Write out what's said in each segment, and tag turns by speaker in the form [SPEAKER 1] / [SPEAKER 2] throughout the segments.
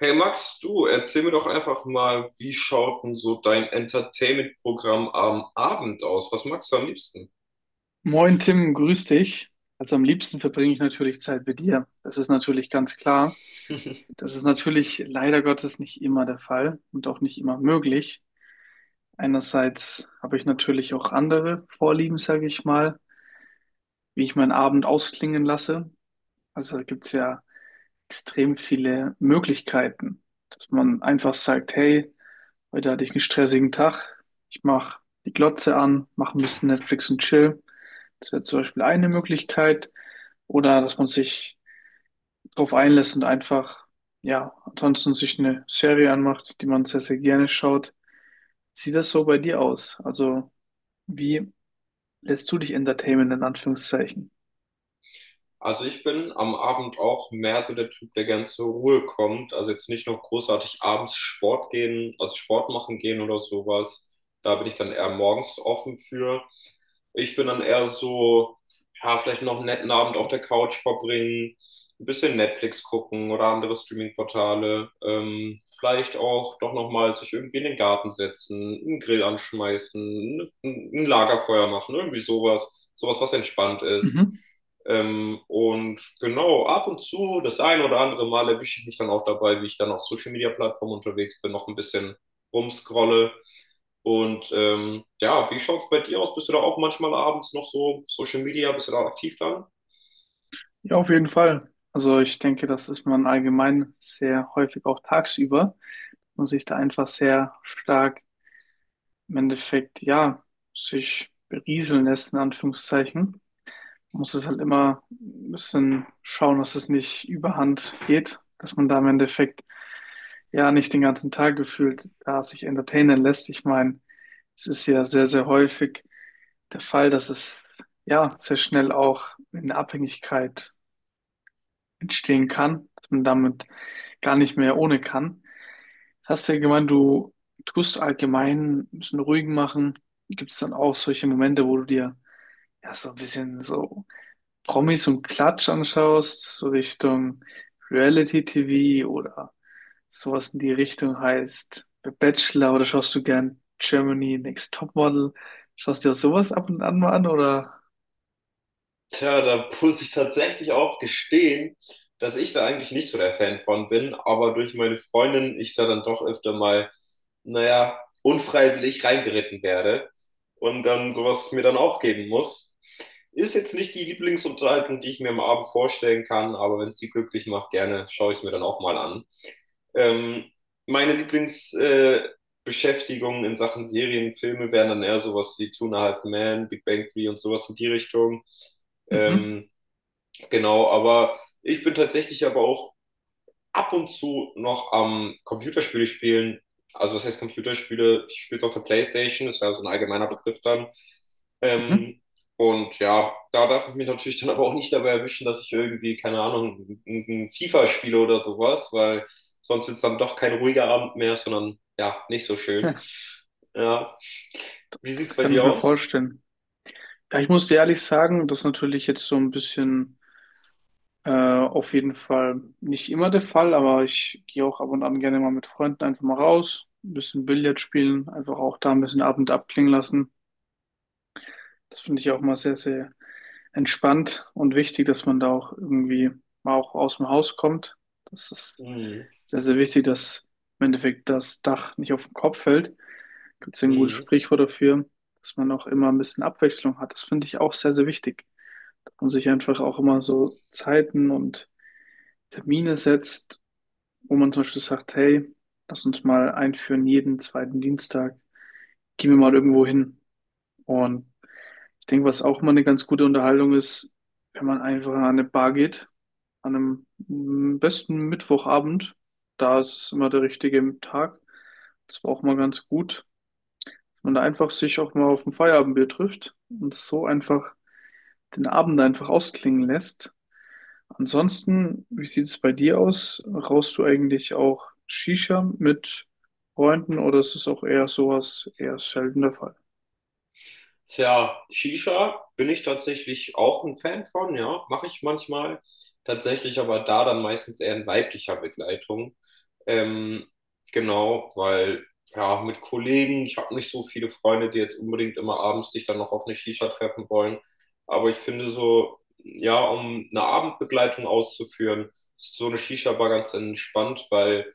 [SPEAKER 1] Hey Max, du, erzähl mir doch einfach mal, wie schaut denn so dein Entertainment-Programm am Abend aus? Was magst du am liebsten?
[SPEAKER 2] Moin Tim, grüß dich. Also am liebsten verbringe ich natürlich Zeit mit dir. Das ist natürlich ganz klar. Das ist natürlich leider Gottes nicht immer der Fall und auch nicht immer möglich. Einerseits habe ich natürlich auch andere Vorlieben, sage ich mal, wie ich meinen Abend ausklingen lasse. Also gibt es ja extrem viele Möglichkeiten, dass man einfach sagt, hey, heute hatte ich einen stressigen Tag, ich mache die Glotze an, mache ein bisschen Netflix und chill. Das wäre zum Beispiel eine Möglichkeit. Oder dass man sich darauf einlässt und einfach, ja, ansonsten sich eine Serie anmacht, die man sehr, sehr gerne schaut. Sieht das so bei dir aus? Also, wie lässt du dich entertainen, in Anführungszeichen?
[SPEAKER 1] Also ich bin am Abend auch mehr so der Typ, der gern zur Ruhe kommt. Also jetzt nicht noch großartig abends Sport gehen, also Sport machen gehen oder sowas. Da bin ich dann eher morgens offen für. Ich bin dann eher so, ja, vielleicht noch einen netten Abend auf der Couch verbringen, ein bisschen Netflix gucken oder andere Streaming-Portale. Vielleicht auch doch nochmal sich irgendwie in den Garten setzen, einen Grill anschmeißen, ein Lagerfeuer machen, irgendwie sowas. Sowas, was entspannt ist.
[SPEAKER 2] Mhm.
[SPEAKER 1] Und genau, ab und zu, das ein oder andere Mal erwische ich mich dann auch dabei, wie ich dann auf Social Media Plattformen unterwegs bin, noch ein bisschen rumscrolle. Und ja, wie schaut es bei dir aus? Bist du da auch manchmal abends noch so Social Media, bist du da aktiv dann?
[SPEAKER 2] Ja, auf jeden Fall. Also ich denke, das ist man allgemein sehr häufig auch tagsüber und sich da einfach sehr stark im Endeffekt, ja, sich berieseln lässt, in Anführungszeichen. Man muss es halt immer ein bisschen schauen, dass es nicht überhand geht, dass man da im Endeffekt ja nicht den ganzen Tag gefühlt da sich entertainen lässt. Ich meine, es ist ja sehr, sehr häufig der Fall, dass es ja sehr schnell auch in eine Abhängigkeit entstehen kann, dass man damit gar nicht mehr ohne kann. Jetzt hast du ja gemeint, du tust allgemein ein bisschen ruhig machen. Gibt es dann auch solche Momente, wo du dir ja so ein bisschen so Promis und Klatsch anschaust, so Richtung Reality-TV oder sowas in die Richtung heißt The Bachelor oder schaust du gern Germany Next Topmodel? Schaust du dir sowas ab und an mal an oder?
[SPEAKER 1] Tja, da muss ich tatsächlich auch gestehen, dass ich da eigentlich nicht so der Fan von bin, aber durch meine Freundin ich da dann doch öfter mal, naja, unfreiwillig reingeritten werde und dann sowas mir dann auch geben muss. Ist jetzt nicht die Lieblingsunterhaltung, die ich mir am Abend vorstellen kann, aber wenn es sie glücklich macht, gerne schaue ich es mir dann auch mal an. Ähm, Meine Lieblingsbeschäftigungen Beschäftigungen in Sachen Serien, Filme wären dann eher sowas wie Two and a Half Men, Big Bang Theory und sowas in die Richtung.
[SPEAKER 2] Mhm,
[SPEAKER 1] Ähm, genau, aber ich bin tatsächlich aber auch ab und zu noch am Computerspiele spielen. Also was heißt Computerspiele? Ich spiele es auf der PlayStation, ist ja so ein allgemeiner Begriff dann.
[SPEAKER 2] mhm.
[SPEAKER 1] Ähm, und ja, da darf ich mich natürlich dann aber auch nicht dabei erwischen, dass ich irgendwie, keine Ahnung, ein FIFA spiele oder sowas, weil sonst wird es dann doch kein ruhiger Abend mehr, sondern ja, nicht so schön.
[SPEAKER 2] Ja,
[SPEAKER 1] Ja. Wie
[SPEAKER 2] das
[SPEAKER 1] sieht's bei
[SPEAKER 2] kann ich
[SPEAKER 1] dir
[SPEAKER 2] mir
[SPEAKER 1] aus?
[SPEAKER 2] vorstellen. Ja, ich muss dir ehrlich sagen, das ist natürlich jetzt so ein bisschen auf jeden Fall nicht immer der Fall, aber ich gehe auch ab und an gerne mal mit Freunden einfach mal raus, ein bisschen Billard spielen, einfach auch da ein bisschen Abend abklingen lassen. Das finde ich auch mal sehr, sehr entspannt und wichtig, dass man da auch irgendwie mal auch aus dem Haus kommt. Das ist
[SPEAKER 1] Mhm.
[SPEAKER 2] sehr, sehr wichtig, dass im Endeffekt das Dach nicht auf den Kopf fällt. Gibt es ein gutes
[SPEAKER 1] Mhm.
[SPEAKER 2] Sprichwort dafür, dass man auch immer ein bisschen Abwechslung hat. Das finde ich auch sehr, sehr wichtig dass man sich einfach auch immer so Zeiten und Termine setzt, wo man zum Beispiel sagt, hey, lass uns mal einführen jeden zweiten Dienstag, gehen wir mal irgendwo hin. Und ich denke, was auch mal eine ganz gute Unterhaltung ist, wenn man einfach an eine Bar geht, an einem besten Mittwochabend, da ist es immer der richtige Tag. Das war auch mal ganz gut, wenn man da einfach sich auch mal auf ein Feierabendbier trifft und so einfach den Abend einfach ausklingen lässt. Ansonsten, wie sieht es bei dir aus? Rauchst du eigentlich auch Shisha mit Freunden oder ist es auch eher sowas, eher selten der Fall?
[SPEAKER 1] Tja, Shisha bin ich tatsächlich auch ein Fan von, ja, mache ich manchmal. Tatsächlich aber da dann meistens eher in weiblicher Begleitung. Ähm, genau, weil ja, mit Kollegen, ich habe nicht so viele Freunde, die jetzt unbedingt immer abends sich dann noch auf eine Shisha treffen wollen. Aber ich finde so, ja, um eine Abendbegleitung auszuführen, ist so eine Shisha-Bar ganz entspannt, weil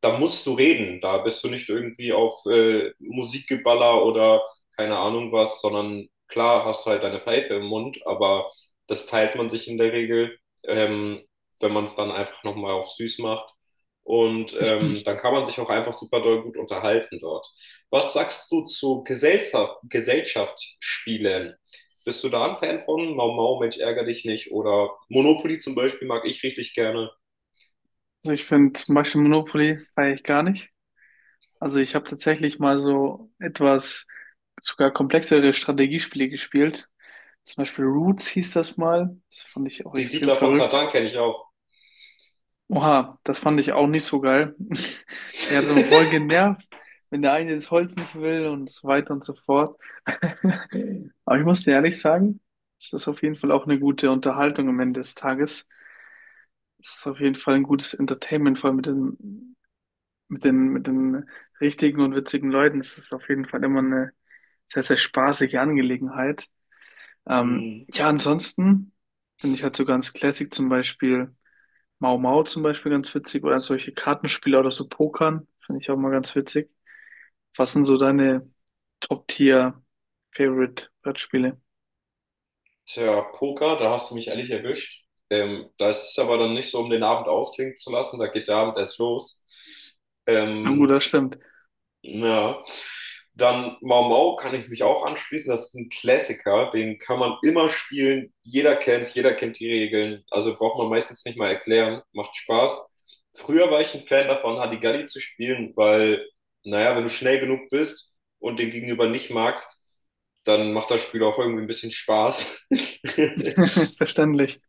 [SPEAKER 1] da musst du reden. Da bist du nicht irgendwie auf Musikgeballer oder keine Ahnung was, sondern klar hast du halt deine Pfeife im Mund, aber das teilt man sich in der Regel, ähm, wenn man es dann einfach nochmal auf süß macht. Und dann kann man sich auch einfach super doll gut unterhalten dort. Was sagst du zu Gesellschaft, Gesellschaftsspielen? Bist du da ein Fan von? Mau Mau, Mensch, ärger dich nicht. Oder Monopoly zum Beispiel mag ich richtig gerne.
[SPEAKER 2] Also ich finde zum Beispiel Monopoly feiere ich gar nicht. Also ich habe tatsächlich mal so etwas sogar komplexere Strategiespiele gespielt. Zum Beispiel Roots hieß das mal. Das fand ich auch
[SPEAKER 1] Die
[SPEAKER 2] extrem
[SPEAKER 1] Siedler von
[SPEAKER 2] verrückt.
[SPEAKER 1] Katan kenne ich auch.
[SPEAKER 2] Oha, das fand ich auch nicht so geil. Mir hat es immer voll genervt, wenn der eine das Holz nicht will und so weiter und so fort. Aber ich muss dir ehrlich sagen, es ist auf jeden Fall auch eine gute Unterhaltung am Ende des Tages. Es ist auf jeden Fall ein gutes Entertainment, vor allem mit den richtigen und witzigen Leuten. Es ist auf jeden Fall immer eine sehr, sehr spaßige Angelegenheit. Ja, ansonsten finde ich halt so ganz classic zum Beispiel. Mau Mau zum Beispiel ganz witzig oder solche Kartenspiele oder so Pokern, finde ich auch mal ganz witzig. Was sind so deine Top-Tier-Favorite-Brettspiele?
[SPEAKER 1] Tja, Poker, da hast du mich ehrlich erwischt. Das ist aber dann nicht so, um den Abend ausklingen zu lassen. Da geht der Abend erst los.
[SPEAKER 2] Na gut,
[SPEAKER 1] Ähm,
[SPEAKER 2] das stimmt.
[SPEAKER 1] ja. Dann Mau Mau kann ich mich auch anschließen. Das ist ein Klassiker, den kann man immer spielen. Jeder kennt die Regeln. Also braucht man meistens nicht mal erklären. Macht Spaß. Früher war ich ein Fan davon, Hadigalli zu spielen, weil, naja, wenn du schnell genug bist und den Gegenüber nicht magst, dann macht das Spiel auch irgendwie ein bisschen Spaß.
[SPEAKER 2] Verständlich.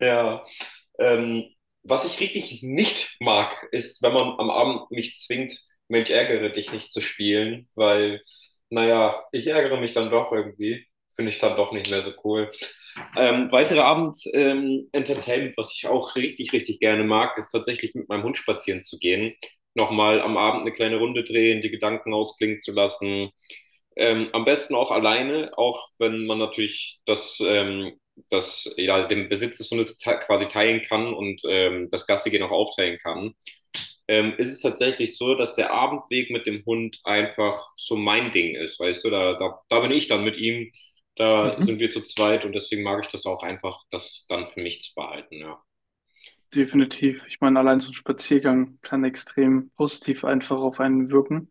[SPEAKER 1] Ja. Ähm, Was ich richtig nicht mag, ist, wenn man am Abend mich zwingt, Mensch, ärgere dich nicht zu spielen, weil, naja, ich ärgere mich dann doch irgendwie. Finde ich dann doch nicht mehr so cool. Weitere Abend-Entertainment, was ich auch richtig, richtig gerne mag, ist tatsächlich mit meinem Hund spazieren zu gehen. Nochmal am Abend eine kleine Runde drehen, die Gedanken ausklingen zu lassen. Am besten auch alleine, auch wenn man natürlich das dass jeder ja, den Besitz des Hundes te quasi teilen kann und das Gastige auch aufteilen kann, ist es tatsächlich so, dass der Abendweg mit dem Hund einfach so mein Ding ist, weißt du, da bin ich dann mit ihm, da sind
[SPEAKER 2] Mhm.
[SPEAKER 1] wir zu zweit und deswegen mag ich das auch einfach, das dann für mich zu behalten, ja.
[SPEAKER 2] Definitiv. Ich meine, allein so ein Spaziergang kann extrem positiv einfach auf einen wirken,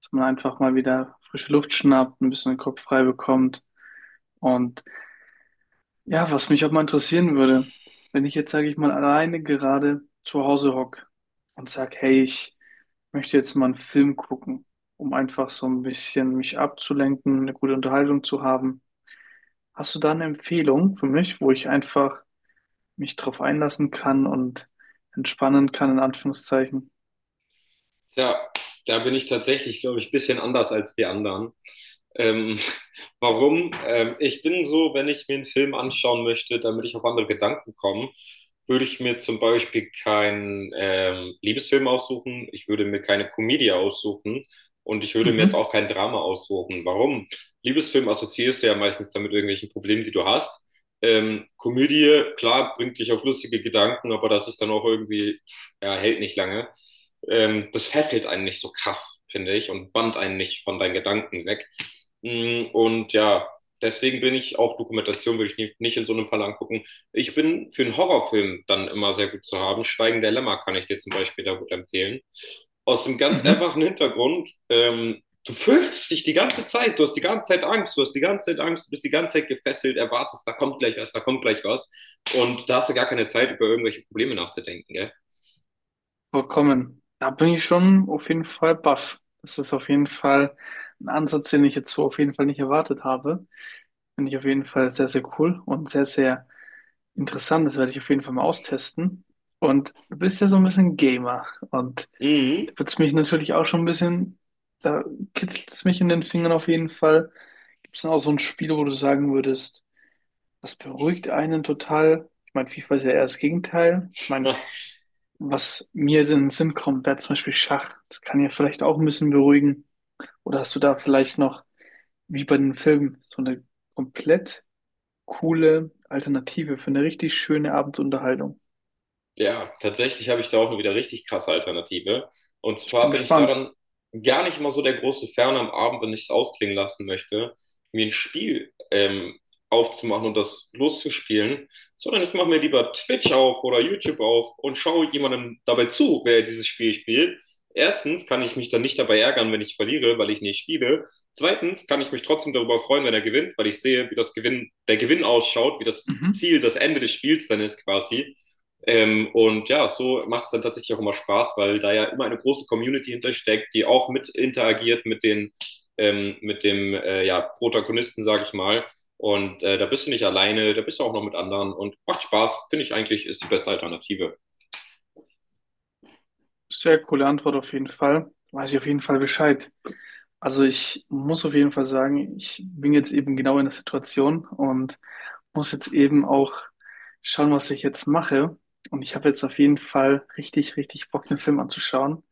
[SPEAKER 2] dass man einfach mal wieder frische Luft schnappt, ein bisschen den Kopf frei bekommt. Und ja, was mich auch mal interessieren würde, wenn ich jetzt, sage ich mal, alleine gerade zu Hause hocke und sage, hey, ich möchte jetzt mal einen Film gucken, um einfach so ein bisschen mich abzulenken, eine gute Unterhaltung zu haben. Hast du da eine Empfehlung für mich, wo ich einfach mich drauf einlassen kann und entspannen kann, in Anführungszeichen?
[SPEAKER 1] Tja, da bin ich tatsächlich, glaube ich, ein bisschen anders als die anderen. Ähm, warum? Ich bin so, wenn ich mir einen Film anschauen möchte, damit ich auf andere Gedanken komme, würde ich mir zum Beispiel keinen Liebesfilm aussuchen, ich würde mir keine Komödie aussuchen und ich würde mir jetzt
[SPEAKER 2] Mhm,
[SPEAKER 1] auch kein Drama aussuchen. Warum? Liebesfilm assoziierst du ja meistens damit irgendwelchen Problemen, die du hast. Komödie, klar, bringt dich auf lustige Gedanken, aber das ist dann auch irgendwie, ja, hält nicht lange das fesselt einen nicht so krass, finde ich, und bannt einen nicht von deinen Gedanken weg. Und ja, deswegen bin ich auch Dokumentation, würde ich nicht in so einem Fall angucken. Ich bin für einen Horrorfilm dann immer sehr gut zu haben. Schweigen der Lämmer kann ich dir zum Beispiel da gut empfehlen. Aus dem ganz
[SPEAKER 2] mhm,
[SPEAKER 1] einfachen Hintergrund, du fürchtest dich die ganze Zeit, du hast die ganze Zeit Angst, du bist die ganze Zeit gefesselt, erwartest, da kommt gleich was. Und da hast du gar keine Zeit, über irgendwelche Probleme nachzudenken, gell?
[SPEAKER 2] vollkommen. Da bin ich schon auf jeden Fall baff. Das ist auf jeden Fall ein Ansatz, den ich jetzt so auf jeden Fall nicht erwartet habe. Finde ich auf jeden Fall sehr, sehr cool und sehr, sehr Interessant, das werde ich auf jeden Fall mal austesten. Und du bist ja so ein bisschen Gamer und da
[SPEAKER 1] Mhm.
[SPEAKER 2] wird's mich natürlich auch schon ein bisschen, da kitzelt es mich in den Fingern auf jeden Fall. Gibt es denn auch so ein Spiel, wo du sagen würdest, das beruhigt einen total? Ich meine, FIFA ist ja eher das Gegenteil. Ich meine,
[SPEAKER 1] Ja.
[SPEAKER 2] was mir in den Sinn kommt, wäre zum Beispiel Schach. Das kann ja vielleicht auch ein bisschen beruhigen. Oder hast du da vielleicht noch, wie bei den Filmen, so eine komplett coole Alternative für eine richtig schöne Abendsunterhaltung?
[SPEAKER 1] Ja, tatsächlich habe ich da auch eine wieder richtig krasse Alternative. Und
[SPEAKER 2] Ich
[SPEAKER 1] zwar
[SPEAKER 2] bin
[SPEAKER 1] bin ich
[SPEAKER 2] gespannt.
[SPEAKER 1] daran gar nicht mal so der große Fan am Abend, wenn ich es ausklingen lassen möchte, mir ein Spiel aufzumachen und das loszuspielen, sondern ich mache mir lieber Twitch auf oder YouTube auf und schaue jemandem dabei zu, wer dieses Spiel spielt. Erstens kann ich mich dann nicht dabei ärgern, wenn ich verliere, weil ich nicht spiele. Zweitens kann ich mich trotzdem darüber freuen, wenn er gewinnt, weil ich sehe, wie der Gewinn ausschaut, wie das
[SPEAKER 2] Mhm.
[SPEAKER 1] Ziel, das Ende des Spiels dann ist quasi. Und ja, so macht es dann tatsächlich auch immer Spaß, weil da ja immer eine große Community hintersteckt, die auch mit interagiert mit dem ja, Protagonisten, sage ich mal. Und da bist du nicht alleine, da bist du auch noch mit anderen und macht Spaß, finde ich eigentlich, ist die beste Alternative.
[SPEAKER 2] Sehr coole Antwort auf jeden Fall. Weiß ich auf jeden Fall Bescheid. Also ich muss auf jeden Fall sagen, ich bin jetzt eben genau in der Situation und muss jetzt eben auch schauen, was ich jetzt mache. Und ich habe jetzt auf jeden Fall richtig, richtig Bock, den Film anzuschauen.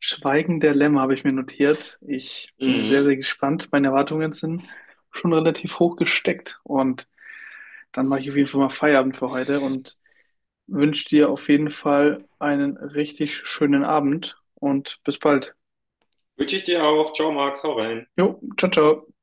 [SPEAKER 2] Schweigen der Lämmer habe ich mir notiert. Ich bin sehr,
[SPEAKER 1] Mhm.
[SPEAKER 2] sehr gespannt. Meine Erwartungen sind schon relativ hoch gesteckt und dann mache ich auf jeden Fall mal Feierabend für heute und wünsche dir auf jeden Fall einen richtig schönen Abend und bis bald.
[SPEAKER 1] Wünsche ich dir auch. Ciao, Max, hau rein.
[SPEAKER 2] Jo, ciao, ciao.